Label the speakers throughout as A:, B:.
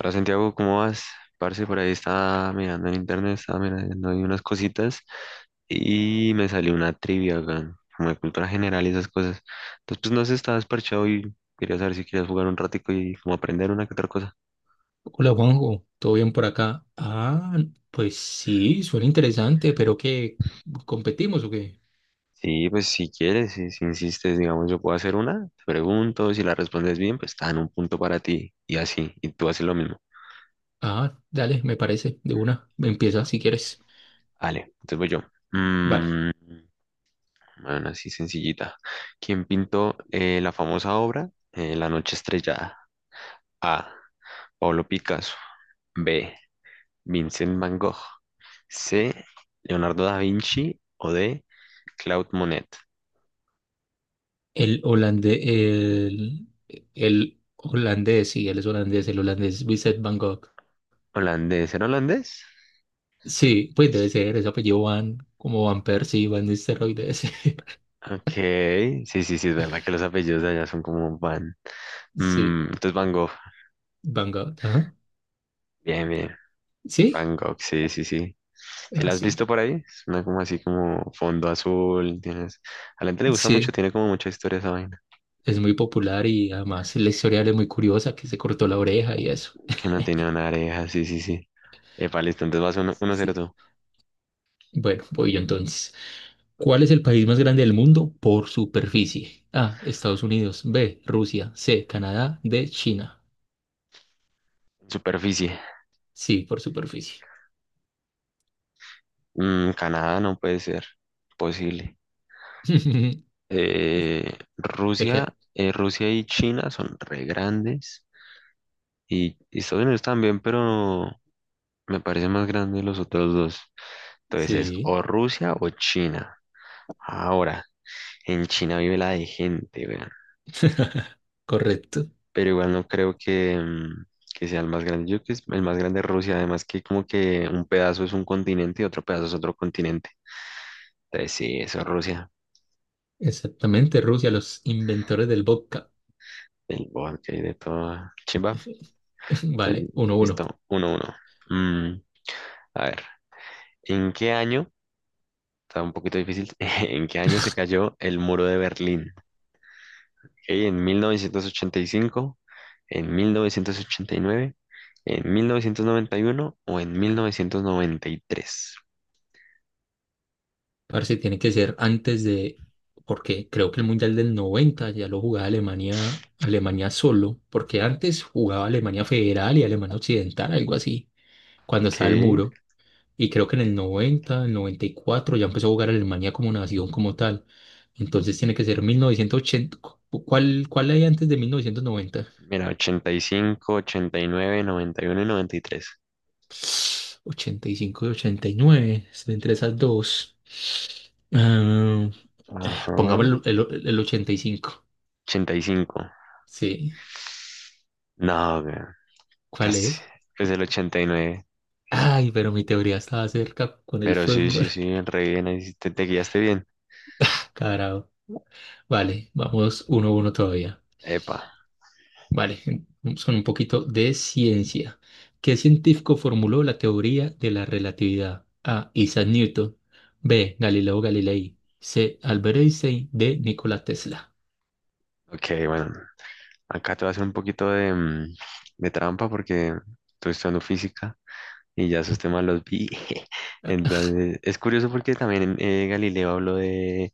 A: Hola Santiago, ¿cómo vas? Parce, por ahí estaba mirando en internet, estaba mirando ahí unas cositas y me salió una trivia, weón, como de cultura general y esas cosas. Entonces, pues no sé, estaba desparchado y quería saber si querías jugar un ratico y como aprender una que otra cosa.
B: Hola Juanjo, ¿todo bien por acá? Pues sí, suena interesante, pero ¿qué? ¿Competimos o qué?
A: Sí, pues si quieres, si insistes, digamos, yo puedo hacer una, te pregunto, si la respondes bien, pues está en un punto para ti y así, y tú haces lo mismo.
B: Ah, dale, me parece, de una, empieza si quieres.
A: Vale, entonces voy yo.
B: Vale,
A: Mm, Bueno, así sencillita. ¿Quién pintó la famosa obra La noche estrellada? A. Pablo Picasso. B. Vincent Van Gogh. C. Leonardo da Vinci. O D. Claude Monet.
B: el holandés, el, el holandés, sí, él es holandés, el holandés Vincent Van Gogh.
A: ¿Holandés? ¿Era holandés?
B: Sí, pues debe ser, ese apellido Van, como Van Persie, Van Nistelrooy, debe ser.
A: Ok. Sí, sí, sí, es verdad que los apellidos de allá son como Van.
B: Sí,
A: Entonces Van Gogh.
B: Van Gogh, ajá.
A: Bien, bien.
B: Sí,
A: Van Gogh, sí, sí, sí. ¿Si la has
B: así.
A: visto
B: Sí,
A: por ahí? Es una como así como fondo azul. Tienes. A la gente le gusta
B: sí,
A: mucho, tiene como mucha historia esa vaina.
B: es muy popular y además la historia de él es muy curiosa, que se cortó la oreja y eso.
A: Que no tenía una areja, sí, sí, sí. Epa, listo, entonces vas uno, 1-0
B: Sí.
A: tú.
B: Bueno, voy yo entonces. ¿Cuál es el país más grande del mundo por superficie? A, Estados Unidos. B, Rusia. C, Canadá. D, China.
A: Superficie.
B: Sí, por superficie.
A: Canadá no puede ser posible. Eh,
B: ¿De qué?
A: Rusia, eh, Rusia y China son re grandes. Y Estados Unidos también, pero me parece más grande los otros dos. Entonces es
B: Sí,
A: o Rusia o China. Ahora, en China vive la de gente, weón.
B: correcto.
A: Pero igual no creo que, que sea el más grande. Yo creo que es el más grande de Rusia, además que como que un pedazo es un continente y otro pedazo es otro continente. Entonces sí, eso es Rusia,
B: Exactamente, Rusia, los inventores del vodka.
A: el bosque y de todo. Chimba.
B: Vale,
A: Entonces,
B: uno uno.
A: listo, 1-1. Mm, a ver, ¿en qué año? Está un poquito difícil. ¿En qué año se cayó el muro de Berlín? Ok, ¿en 1985? ¿En 1989? ¿En 1991 o en 1993?
B: Parece tiene que ser antes de, porque creo que el Mundial del 90 ya lo jugaba Alemania, Alemania solo, porque antes jugaba Alemania Federal y Alemania Occidental, algo así, cuando
A: Ok.
B: estaba el muro. Y creo que en el 90, el 94 ya empezó a jugar Alemania como nación, como tal. Entonces tiene que ser 1980. ¿Cuál, hay antes de 1990?
A: Mira, ochenta y cinco, ochenta y nueve, noventa, noventa y uno y noventa y uno tres.
B: 85 y 89. Estoy entre esas dos. Ah,
A: Ajá.
B: pongamos el 85.
A: 85.
B: Sí.
A: No, güey,
B: ¿Cuál
A: casi.
B: es?
A: Es el 89.
B: Ay, pero mi teoría estaba cerca con el
A: Pero sí,
B: fútbol.
A: sí, sí, re bien. Ahí sí te, guiaste bien.
B: Carajo. Vale, vamos uno a uno todavía.
A: Epa.
B: Vale, vamos con un poquito de ciencia. ¿Qué científico formuló la teoría de la relatividad? A, Isaac Newton. B, Galileo Galilei. C, Albert Einstein. D, Nikola Tesla.
A: Ok, bueno. Acá te voy a hacer un poquito de, de trampa porque estoy estudiando física y ya esos temas los vi.
B: Ah, ah,
A: Entonces, es curioso porque también Galileo habló de,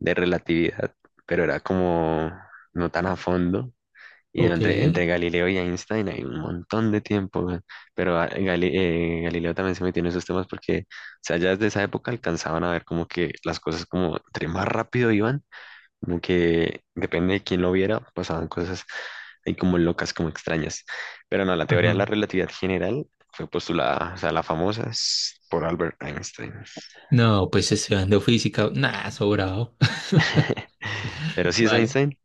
A: de relatividad, pero era como no tan a fondo. Y no, entre
B: ok.
A: Galileo y Einstein hay un montón de tiempo, weón. Pero Galileo también se metió en esos temas porque, o sea, ya desde esa época alcanzaban a ver como que las cosas como entre más rápido iban, como que depende de quién lo viera, pasaban cosas ahí como locas, como extrañas. Pero no, la teoría
B: Ajá.
A: de la relatividad general fue postulada, o sea, la famosa es por Albert Einstein.
B: No, pues estudiando física. Nah, sobrado.
A: Pero sí es
B: Vale.
A: Einstein.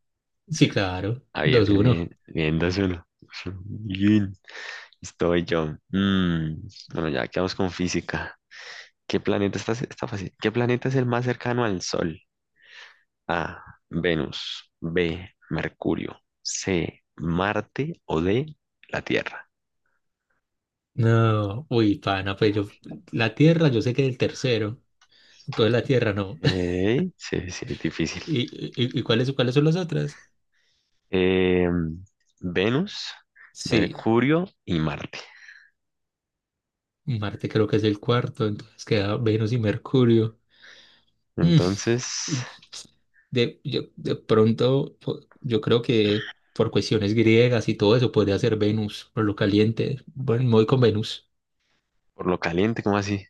B: Sí, claro.
A: Ah, bien,
B: Dos
A: bien, bien,
B: uno.
A: bien, 2-1. Bien. Estoy yo. Bueno, ya quedamos con física. ¿Qué planeta está fácil? ¿Qué planeta es el más cercano al Sol? A. Venus. B. Mercurio. C. Marte. O D. La Tierra.
B: No, uy, pana, la Tierra, yo sé que es el tercero, entonces la Tierra no.
A: Ey, sí, sí, difícil.
B: ¿Y, y cuáles, cuáles son las otras?
A: Em, Venus,
B: Sí,
A: Mercurio y Marte.
B: Marte creo que es el cuarto, entonces queda Venus y Mercurio. Mm,
A: Entonces,
B: De, de pronto, yo creo que por cuestiones griegas y todo eso podría ser Venus, por lo caliente. Bueno, me voy con Venus.
A: por lo caliente, ¿cómo así?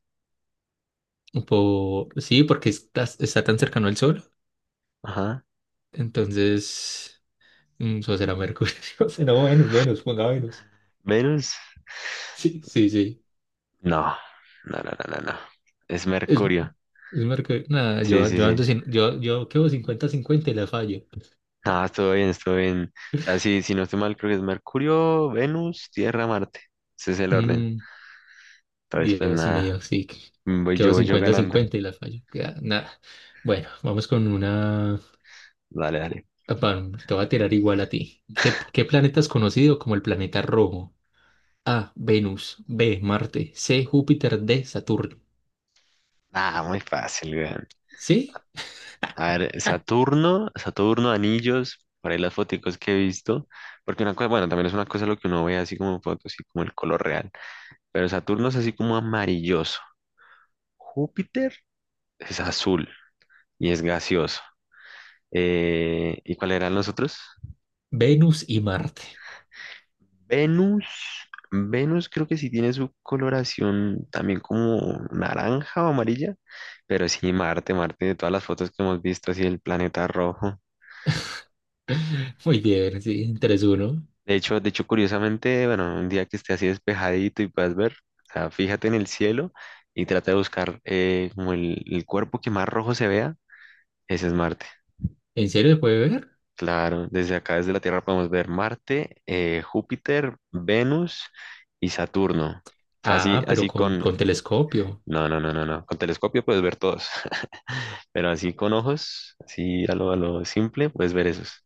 B: Por sí, porque está, está tan cercano al Sol.
A: Ajá.
B: Entonces, eso será Mercurio. Si no, Venus, Venus, ponga Venus.
A: Venus.
B: Sí, sí, sí.
A: No, no, no, no, no, no. Es Mercurio.
B: Es Mercurio. Nada,
A: Sí, sí,
B: yo
A: sí.
B: ando sin, yo quedo cincuenta cincuenta y la fallo.
A: Ah, estuvo bien, estuvo bien. O sea, sí, si no estoy mal, creo que es Mercurio, Venus, Tierra, Marte. Ese es el orden.
B: Mm,
A: Entonces, pues
B: Dios
A: nada,
B: mío, sí.
A: voy yo,
B: Quedó
A: voy yo
B: cincuenta
A: ganando.
B: cincuenta y la fallo. Queda nada. Bueno, vamos con una.
A: Dale, dale.
B: Papá, te voy a tirar igual a ti. Qué planeta es conocido como el planeta rojo? A, Venus. B, Marte. C, Júpiter. D, Saturno.
A: Ah, muy fácil, weón.
B: ¿Sí?
A: A ver, Saturno, Saturno, anillos, por ahí las foticos que he visto. Porque una cosa, bueno, también es una cosa lo que uno ve así como en fotos, así como el color real. Pero Saturno es así como amarilloso. Júpiter es azul y es gaseoso. ¿Y cuáles eran los otros?
B: Venus y Marte.
A: Venus, Venus creo que sí tiene su coloración también como naranja o amarilla, pero sí Marte, Marte de todas las fotos que hemos visto así el planeta rojo.
B: Muy bien, sí. Tres uno.
A: De hecho curiosamente, bueno, un día que esté así despejadito y puedas ver, o sea, fíjate en el cielo y trata de buscar como el, cuerpo que más rojo se vea, ese es Marte.
B: ¿En serio se puede ver?
A: Claro, desde acá, desde la Tierra podemos ver Marte, Júpiter, Venus y Saturno. O sea, así,
B: Ah, pero
A: así con.
B: con telescopio.
A: No, no, no, no, no. Con telescopio puedes ver todos. Pero así con ojos, así a lo, simple, puedes ver esos.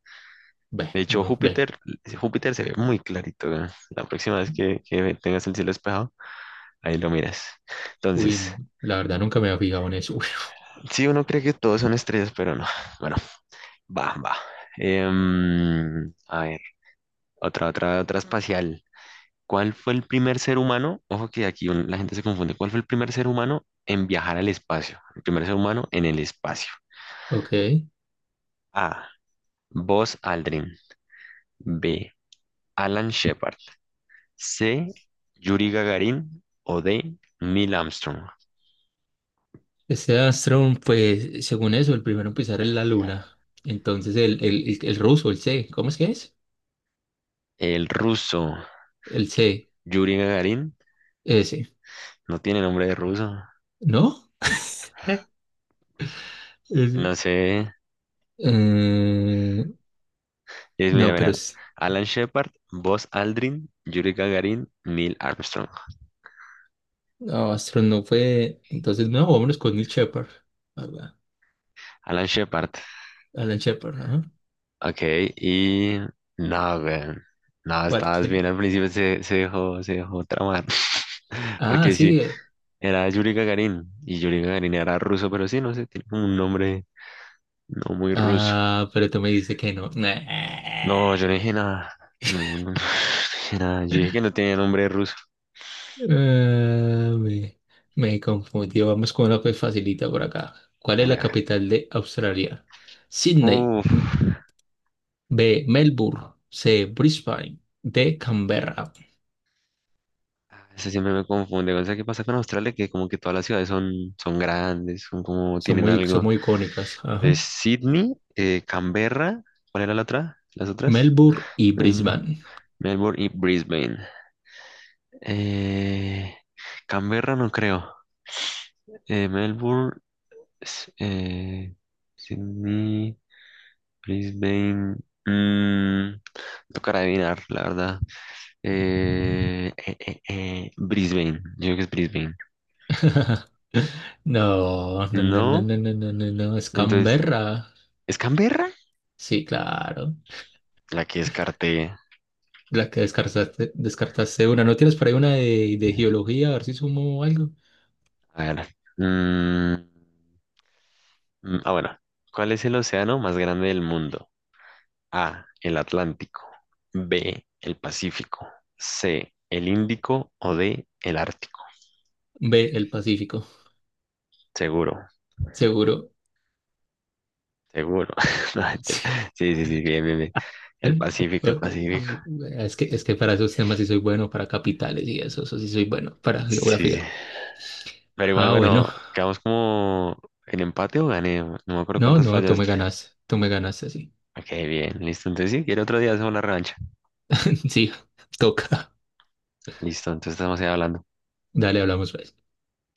A: De
B: Ve,
A: hecho,
B: no, ve.
A: Júpiter se ve muy clarito. ¿No? La próxima vez que tengas el cielo despejado, ahí lo miras. Entonces,
B: Uy, la verdad nunca me había fijado en eso.
A: sí, uno cree que todos son estrellas, pero no. Bueno, va, va. A ver, otra espacial. ¿Cuál fue el primer ser humano? Ojo que aquí la gente se confunde. ¿Cuál fue el primer ser humano en viajar al espacio? El primer ser humano en el espacio.
B: Ok.
A: A. Buzz Aldrin. B. Alan Shepard. C. Yuri Gagarin. O D. Neil Armstrong.
B: Este Astron, pues, según eso, el primero en pisar es la luna. Entonces, el ruso, el C, ¿cómo es que es?
A: El ruso
B: El C,
A: Yuri Gagarin
B: ese,
A: no tiene nombre de ruso.
B: ¿no? Eh, Ese.
A: No sé.
B: Eh,
A: Mira,
B: no, pero
A: mira.
B: es,
A: Alan Shepard, Buzz Aldrin, Yuri Gagarin, Neil Armstrong.
B: no, Astron no fue. Entonces, no, vámonos con Nick Shepard. Ala-
A: Alan Shepard.
B: Alan Shepard, ajá.
A: Ok, y. No, güey. No,
B: ¿Cuál
A: estabas
B: quién?
A: bien al principio, se dejó tramar.
B: Ah,
A: Porque sí,
B: sí.
A: era Yuri Gagarin. Y Yuri Gagarin era ruso, pero sí, no sé, tiene como un nombre no muy ruso.
B: Ah, pero tú me dices que no.
A: No,
B: Nah.
A: yo no dije nada. No, no, no no dije nada. Yo dije que no tenía nombre ruso.
B: Ah, me, Me confundí. Vamos con una pues facilita por acá. ¿Cuál es
A: Hágale,
B: la
A: a ver.
B: capital de Australia? Sydney.
A: Uf.
B: B, Melbourne. C, Brisbane. D, Canberra.
A: Eso siempre me confunde. O sea, ¿qué pasa con Australia? Que como que todas las ciudades son, grandes, son como tienen
B: Son
A: algo.
B: muy icónicas. Ajá.
A: Entonces, Sydney, Canberra, ¿cuál era la otra? ¿Las otras?
B: Melbourne y
A: Melbourne,
B: Brisbane.
A: Melbourne y Brisbane. Eh, Canberra no creo. Melbourne. S- eh, Sydney, Brisbane. mm, Tocará adivinar, la verdad. Brisbane, yo creo que es Brisbane.
B: No, no, no, no,
A: No,
B: no, no, no, no, no. Es
A: entonces,
B: Canberra.
A: ¿es Canberra?
B: Sí, claro.
A: La que descarté.
B: La que descartaste, descartaste una. ¿No tienes por ahí de geología? A ver si sumo algo.
A: A ver. mm, bueno. ¿Cuál es el océano más grande del mundo? A, el Atlántico. B, el Pacífico. C, el Índico o D, el Ártico.
B: B, el Pacífico.
A: Seguro.
B: Seguro.
A: Seguro. No, mentira. Sí, sí, sí, bien, bien, bien. El
B: Eh,
A: Pacífico, el Pacífico.
B: Es que para esos temas sí soy bueno, para capitales y eso sí soy bueno, para
A: Sí,
B: geografía.
A: sí. Pero igual,
B: Ah, bueno,
A: bueno, quedamos como en empate o gané. No me acuerdo
B: no,
A: cuántas
B: no,
A: fallaste.
B: tú me ganas así.
A: Ok, bien, listo. Entonces sí, quiero otro día hacer una revancha.
B: Sí, toca.
A: Listo, entonces estamos ahí hablando.
B: Dale, hablamos pues.